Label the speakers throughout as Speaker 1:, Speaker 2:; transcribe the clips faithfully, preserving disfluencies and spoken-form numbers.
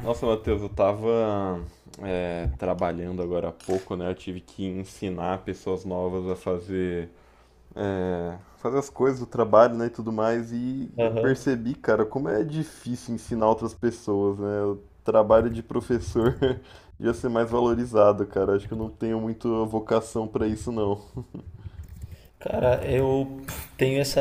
Speaker 1: Nossa, Matheus, eu tava é, trabalhando agora há pouco, né? Eu tive que ensinar pessoas novas a fazer, é, fazer as coisas do trabalho, né, e tudo mais. E eu
Speaker 2: Aham.
Speaker 1: percebi, cara, como é difícil ensinar outras pessoas, né? O trabalho de professor devia ser mais valorizado, cara. Acho que eu não tenho muito vocação pra isso, não.
Speaker 2: Cara, eu tenho essa,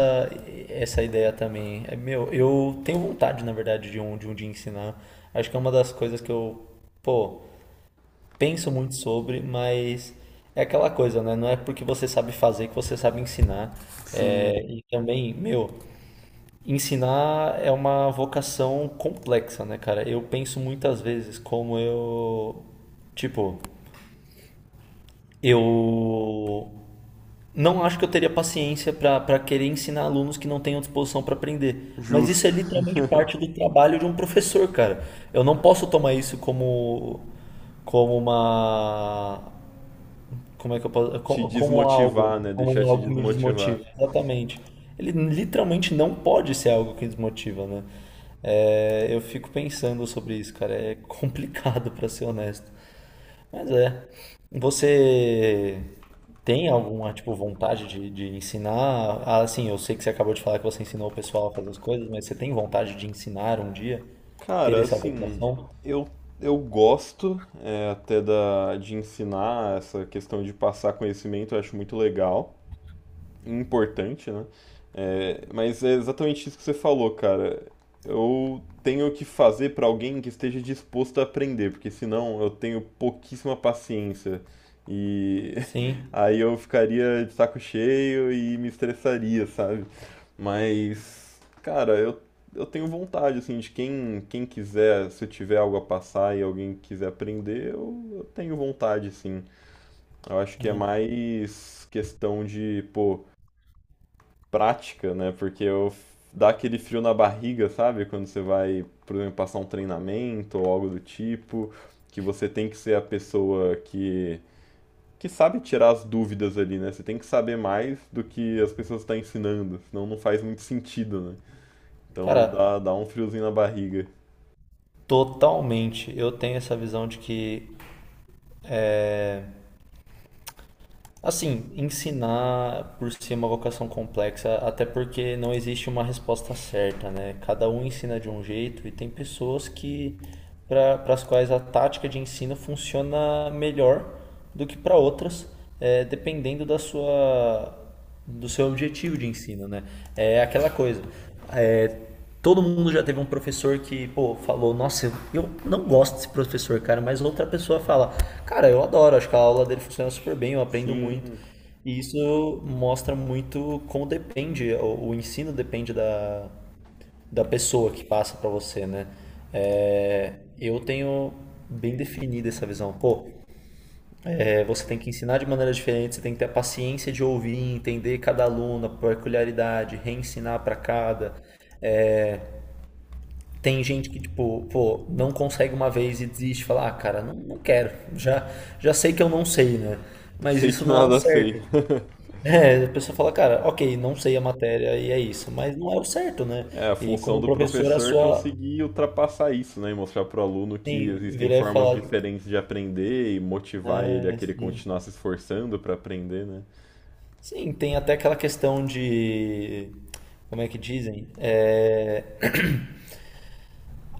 Speaker 2: essa ideia também. É, meu, eu tenho vontade, na verdade, de um, de um dia ensinar. Acho que é uma das coisas que eu, pô, penso muito sobre, mas é aquela coisa, né? Não é porque você sabe fazer que você sabe ensinar.
Speaker 1: Sim,
Speaker 2: É, e também, meu, ensinar é uma vocação complexa, né, cara? Eu penso muitas vezes como eu, tipo, eu não acho que eu teria paciência para querer ensinar alunos que não tenham disposição para aprender. Mas isso
Speaker 1: justo.
Speaker 2: é literalmente parte do trabalho de um professor, cara. Eu não posso tomar isso como, como uma. Como é que eu posso.
Speaker 1: Te
Speaker 2: co- Como algo.
Speaker 1: desmotivar, né? Deixar
Speaker 2: Como
Speaker 1: te
Speaker 2: algo que me
Speaker 1: desmotivar.
Speaker 2: desmotiva. Exatamente. Ele literalmente não pode ser algo que desmotiva, né? É, eu fico pensando sobre isso, cara. É complicado, para ser honesto. Mas é. Você tem alguma, tipo, vontade de, de ensinar? Ah, assim, eu sei que você acabou de falar que você ensinou o pessoal a fazer as coisas, mas você tem vontade de ensinar um dia? Ter
Speaker 1: Cara,
Speaker 2: essa
Speaker 1: assim,
Speaker 2: vocação?
Speaker 1: eu, eu gosto é, até da, de ensinar essa questão de passar conhecimento, eu acho muito legal importante, né? É, mas é exatamente isso que você falou, cara. Eu tenho que fazer para alguém que esteja disposto a aprender, porque senão eu tenho pouquíssima paciência. E
Speaker 2: Sim.
Speaker 1: aí eu ficaria de saco cheio e me estressaria, sabe? Mas, cara, eu, eu tenho vontade, assim, de quem, quem quiser, se eu tiver algo a passar e alguém quiser aprender, eu, eu tenho vontade, sim. Eu acho que é
Speaker 2: É.
Speaker 1: mais questão de, pô, prática, né? Porque eu dá aquele frio na barriga, sabe? Quando você vai, por exemplo, passar um treinamento ou algo do tipo, que você tem que ser a pessoa que que sabe tirar as dúvidas ali, né? Você tem que saber mais do que as pessoas estão ensinando, senão não faz muito sentido, né? Então
Speaker 2: Cara,
Speaker 1: dá, dá um friozinho na barriga.
Speaker 2: totalmente. Eu tenho essa visão de que, assim, ensinar por si é uma vocação complexa, até porque não existe uma resposta certa, né? Cada um ensina de um jeito e tem pessoas que para as quais a tática de ensino funciona melhor do que para outras, eh, dependendo da sua do seu objetivo de ensino, né? É aquela coisa. É, todo mundo já teve um professor que, pô, falou, nossa, eu, não gosto desse professor, cara, mas outra pessoa fala, cara, eu adoro, acho que a aula dele funciona super bem, eu aprendo muito.
Speaker 1: Sim,
Speaker 2: E isso mostra muito como depende, o, o ensino depende da, da pessoa que passa para você, né? É, eu tenho bem definida essa visão. Pô, é, você tem que ensinar de maneira diferente, você tem que ter a paciência de ouvir, entender cada aluno, a peculiaridade, reensinar para cada. Tem gente que, tipo, pô, não consegue uma vez e desiste, fala, ah, cara, não, não quero, já, já sei que eu não sei, né? Mas
Speaker 1: sei
Speaker 2: isso
Speaker 1: que
Speaker 2: não é o
Speaker 1: nada sei.
Speaker 2: certo. É, a pessoa fala, cara, ok, não sei a matéria e é isso, mas não é o certo, né?
Speaker 1: É, a
Speaker 2: E
Speaker 1: função
Speaker 2: como
Speaker 1: do
Speaker 2: professor, a
Speaker 1: professor é
Speaker 2: sua.
Speaker 1: conseguir ultrapassar isso, né? E mostrar para o aluno que
Speaker 2: Sim,
Speaker 1: existem
Speaker 2: virar e
Speaker 1: formas
Speaker 2: falar,
Speaker 1: diferentes de aprender e motivar ele a
Speaker 2: né,
Speaker 1: querer
Speaker 2: assim.
Speaker 1: continuar se esforçando para aprender, né?
Speaker 2: Sim, tem até aquela questão de. Como é que dizem? É,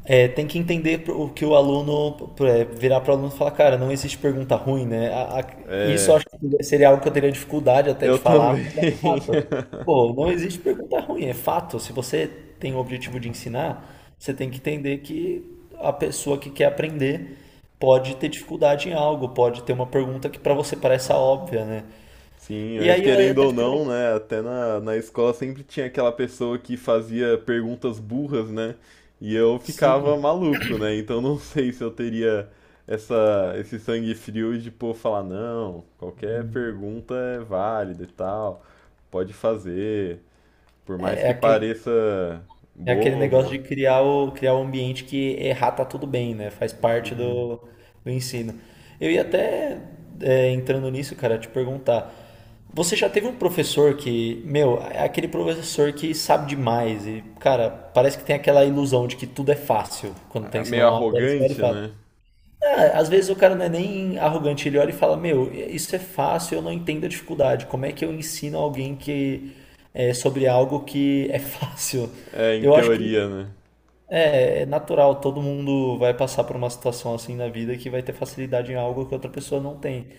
Speaker 2: É, tem que entender o que o aluno é, virar para o aluno e falar, cara, não existe pergunta ruim, né? A- a- isso eu
Speaker 1: É,
Speaker 2: acho que seria algo que eu teria dificuldade até
Speaker 1: eu
Speaker 2: de falar,
Speaker 1: também.
Speaker 2: mas é um fato. Pô, não existe pergunta ruim, é fato. Se você tem o objetivo de ensinar, você tem que entender que a pessoa que quer aprender pode ter dificuldade em algo, pode ter uma pergunta que para você parece óbvia, né?
Speaker 1: Sim,
Speaker 2: E
Speaker 1: mas
Speaker 2: aí eu ia
Speaker 1: querendo
Speaker 2: até
Speaker 1: ou
Speaker 2: te pergunto,
Speaker 1: não, né? Até na, na escola sempre tinha aquela pessoa que fazia perguntas burras, né? E eu ficava
Speaker 2: sim,
Speaker 1: maluco, né? Então não sei se eu teria essa, esse sangue frio de, pô, falar, não, qualquer pergunta é válida e tal, pode fazer, por mais
Speaker 2: é, é
Speaker 1: que
Speaker 2: aquele
Speaker 1: pareça
Speaker 2: É aquele negócio
Speaker 1: bobo,
Speaker 2: de criar o, criar um ambiente que errar tá tudo bem, né? Faz parte
Speaker 1: assim,
Speaker 2: do, do ensino. Eu ia até, é, entrando nisso, cara, te perguntar. Você já teve um professor que, meu, é aquele professor que sabe demais e, cara, parece que tem aquela ilusão de que tudo é fácil quando tá
Speaker 1: meio
Speaker 2: ensinando uma matéria, você olha e
Speaker 1: arrogante,
Speaker 2: fala.
Speaker 1: né?
Speaker 2: Ah, às vezes o cara não é nem arrogante, ele olha e fala, meu, isso é fácil, eu não entendo a dificuldade. Como é que eu ensino alguém que é sobre algo que é fácil?
Speaker 1: É, em
Speaker 2: Eu acho que
Speaker 1: teoria, né?
Speaker 2: é, é natural, todo mundo vai passar por uma situação assim na vida que vai ter facilidade em algo que outra pessoa não tem.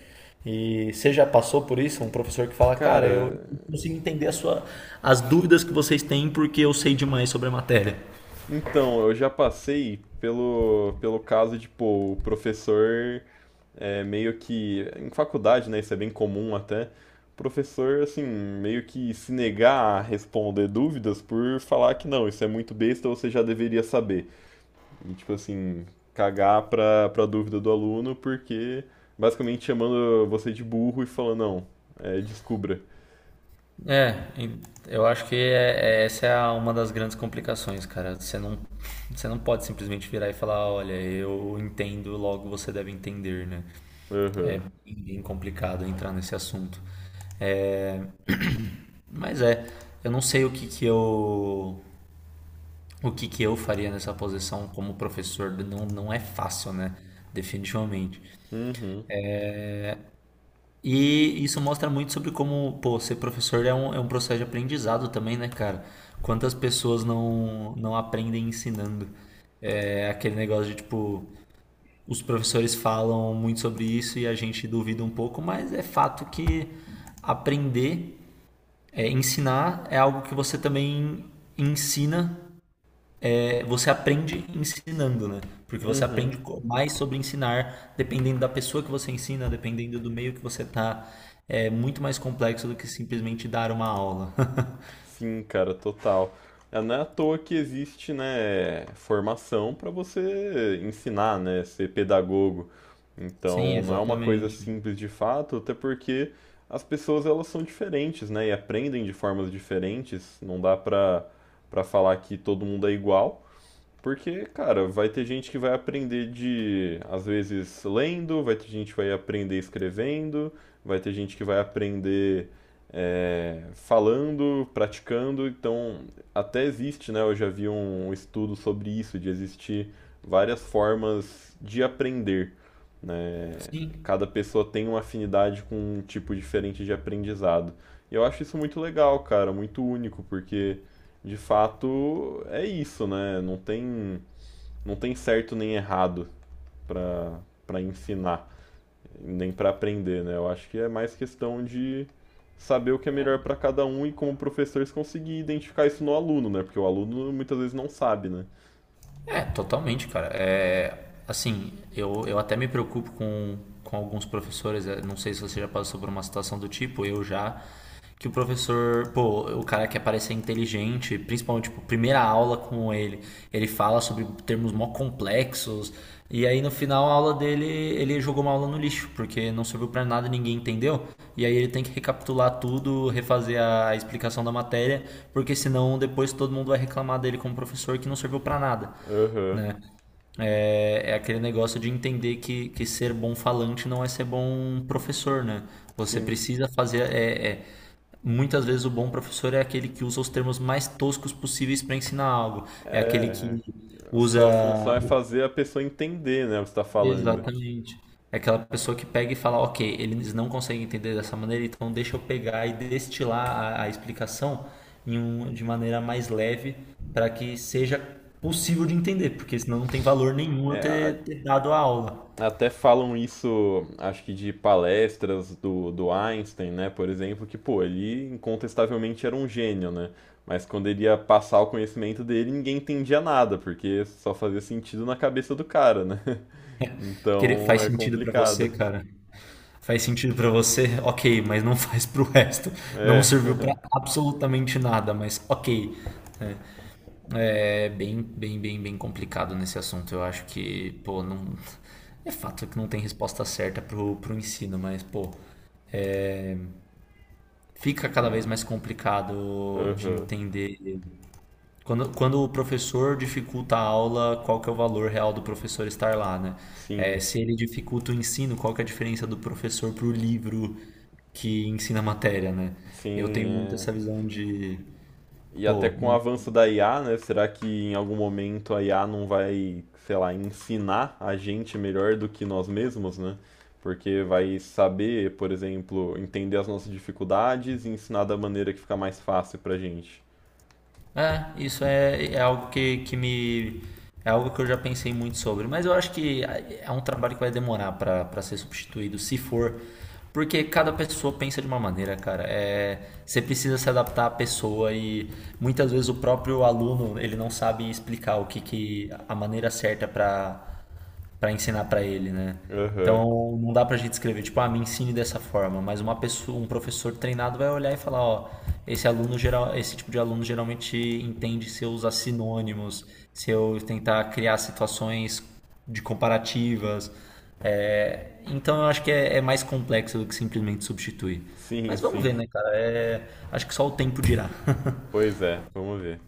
Speaker 2: E você já passou por isso? Um professor que fala, cara, eu
Speaker 1: Cara.
Speaker 2: consigo entender a sua, as dúvidas que vocês têm porque eu sei demais sobre a matéria.
Speaker 1: Então, eu já passei pelo, pelo caso de, pô, o professor é meio que. Em faculdade, né? Isso é bem comum até. O professor, assim, meio que se negar a responder dúvidas por falar que não, isso é muito besta, você já deveria saber. E, tipo assim, cagar pra, pra dúvida do aluno, porque basicamente chamando você de burro e falando, não, é, descubra.
Speaker 2: É, e eu acho que é- é- essa é a- uma das grandes complicações, cara. Você não, você não pode simplesmente virar e falar, olha, eu entendo, logo você deve entender, né?
Speaker 1: Aham,
Speaker 2: E é complicado entrar nesse assunto. É, Mas é, eu não sei o que que eu o que que eu faria nessa posição como professor, não, não é fácil, né? Definitivamente.
Speaker 1: uhum,
Speaker 2: E isso mostra muito sobre como, pô, ser professor é um, é um, processo de aprendizado também, né, cara? Quantas pessoas não, não aprendem ensinando? É aquele negócio de, tipo, os professores falam muito sobre isso e a gente duvida um pouco, mas é fato que aprender, é, ensinar é algo que você também ensina. É, você aprende ensinando, né? Porque você
Speaker 1: uhum.
Speaker 2: aprende co- mais sobre ensinar, dependendo da pessoa que você ensina, dependendo do meio que você tá. É muito mais complexo do que simplesmente dar uma aula.
Speaker 1: Sim, cara, total. É, não é à toa que existe, né, formação para você ensinar, né, ser pedagogo.
Speaker 2: Sim,
Speaker 1: Então, não é uma coisa
Speaker 2: exatamente.
Speaker 1: simples de fato, até porque as pessoas elas são diferentes, né, e aprendem de formas diferentes. Não dá para para falar que todo mundo é igual. Porque, cara, vai ter gente que vai aprender de, às vezes, lendo, vai ter gente que vai aprender escrevendo, vai ter gente que vai aprender é, falando, praticando. Então, até existe, né? Eu já vi um um estudo sobre isso, de existir várias formas de aprender, né?
Speaker 2: Sim.
Speaker 1: Cada pessoa tem uma afinidade com um tipo diferente de aprendizado. E eu acho isso muito legal, cara, muito único, porque de fato é isso, né? Não tem, não tem certo nem errado para para ensinar, nem para aprender, né? Eu acho que é mais questão de saber o que é melhor para cada um e como professores conseguir identificar isso no aluno, né? Porque o aluno muitas vezes não sabe, né?
Speaker 2: É, totalmente, cara. É, assim, eu, eu até me preocupo com, com alguns professores. é, Não sei se você já passou por uma situação do tipo, eu já. Que o professor, pô, o cara quer parecer inteligente, principalmente, tipo, primeira aula com ele, ele fala sobre termos mó complexos, e aí no final a aula dele, ele jogou uma aula no lixo, porque não serviu para nada, ninguém entendeu, e aí ele tem que recapitular tudo, refazer a explicação da matéria, porque senão depois todo mundo vai reclamar dele como professor que não serviu para nada,
Speaker 1: Aham.
Speaker 2: né? É, é aquele negócio de entender que, que, ser bom falante não é ser bom professor, né? Você
Speaker 1: Sim.
Speaker 2: precisa fazer. é, é Muitas vezes o bom professor é aquele que usa os termos mais toscos possíveis para ensinar algo. É aquele
Speaker 1: É,
Speaker 2: que
Speaker 1: a
Speaker 2: usa.
Speaker 1: sua função é fazer a pessoa entender, né, o que você está falando.
Speaker 2: Exatamente. É aquela pessoa que pega e fala, ok, eles não conseguem entender dessa maneira, então deixa eu pegar e destilar a, a explicação em um- de maneira mais leve para que seja possível de entender, porque senão não tem valor nenhum eu
Speaker 1: É, a-
Speaker 2: ter, ter, dado a aula.
Speaker 1: Até falam isso, acho que de palestras do, do Einstein, né, por exemplo, que, pô, ele incontestavelmente era um gênio, né? Mas quando ele ia passar o conhecimento dele, ninguém entendia nada, porque só fazia sentido na cabeça do cara, né?
Speaker 2: Que ele
Speaker 1: Então
Speaker 2: faz
Speaker 1: é
Speaker 2: sentido pra você,
Speaker 1: complicado.
Speaker 2: cara. Faz sentido pra você, ok, mas não faz pro resto. Não
Speaker 1: É.
Speaker 2: serviu pra absolutamente nada, mas ok. É bem, bem, bem, bem complicado nesse assunto. Eu acho que, pô, não. É fato que não tem resposta certa pro, pro ensino, mas, pô, fica cada vez mais complicado de
Speaker 1: Aham.
Speaker 2: entender. Quando, quando o professor dificulta a aula, qual que é o valor real do professor estar lá, né? É,
Speaker 1: Sim,
Speaker 2: se ele dificulta o ensino, qual que é a diferença do professor para o livro que ensina a matéria, né? Eu
Speaker 1: sim,
Speaker 2: tenho muito
Speaker 1: é.
Speaker 2: essa visão de,
Speaker 1: E até
Speaker 2: pô,
Speaker 1: com o
Speaker 2: não.
Speaker 1: avanço da I A, né? Será que em algum momento a I A não vai, sei lá, ensinar a gente melhor do que nós mesmos, né? Porque vai saber, por exemplo, entender as nossas dificuldades e ensinar da maneira que fica mais fácil pra gente.
Speaker 2: É, isso é, é algo que, que me. É algo que eu já pensei muito sobre. Mas eu acho que é um trabalho que vai demorar para para ser substituído, se for. Porque cada pessoa pensa de uma maneira, cara. É, você precisa se adaptar à pessoa e muitas vezes o próprio aluno ele não sabe explicar o que, que, a maneira certa para para ensinar para ele, né?
Speaker 1: Aham.
Speaker 2: Então não dá pra gente escrever, tipo, ah, me ensine dessa forma, mas uma pessoa, um professor treinado vai olhar e falar, ó, esse aluno geral, esse tipo de aluno geralmente entende se eu usar sinônimos, se eu tentar criar situações de comparativas. É, então eu acho que é, é mais complexo do que simplesmente substituir.
Speaker 1: Sim,
Speaker 2: Mas vamos ver,
Speaker 1: sim.
Speaker 2: né, cara? É, acho que só o tempo dirá.
Speaker 1: Pois é, vamos ver.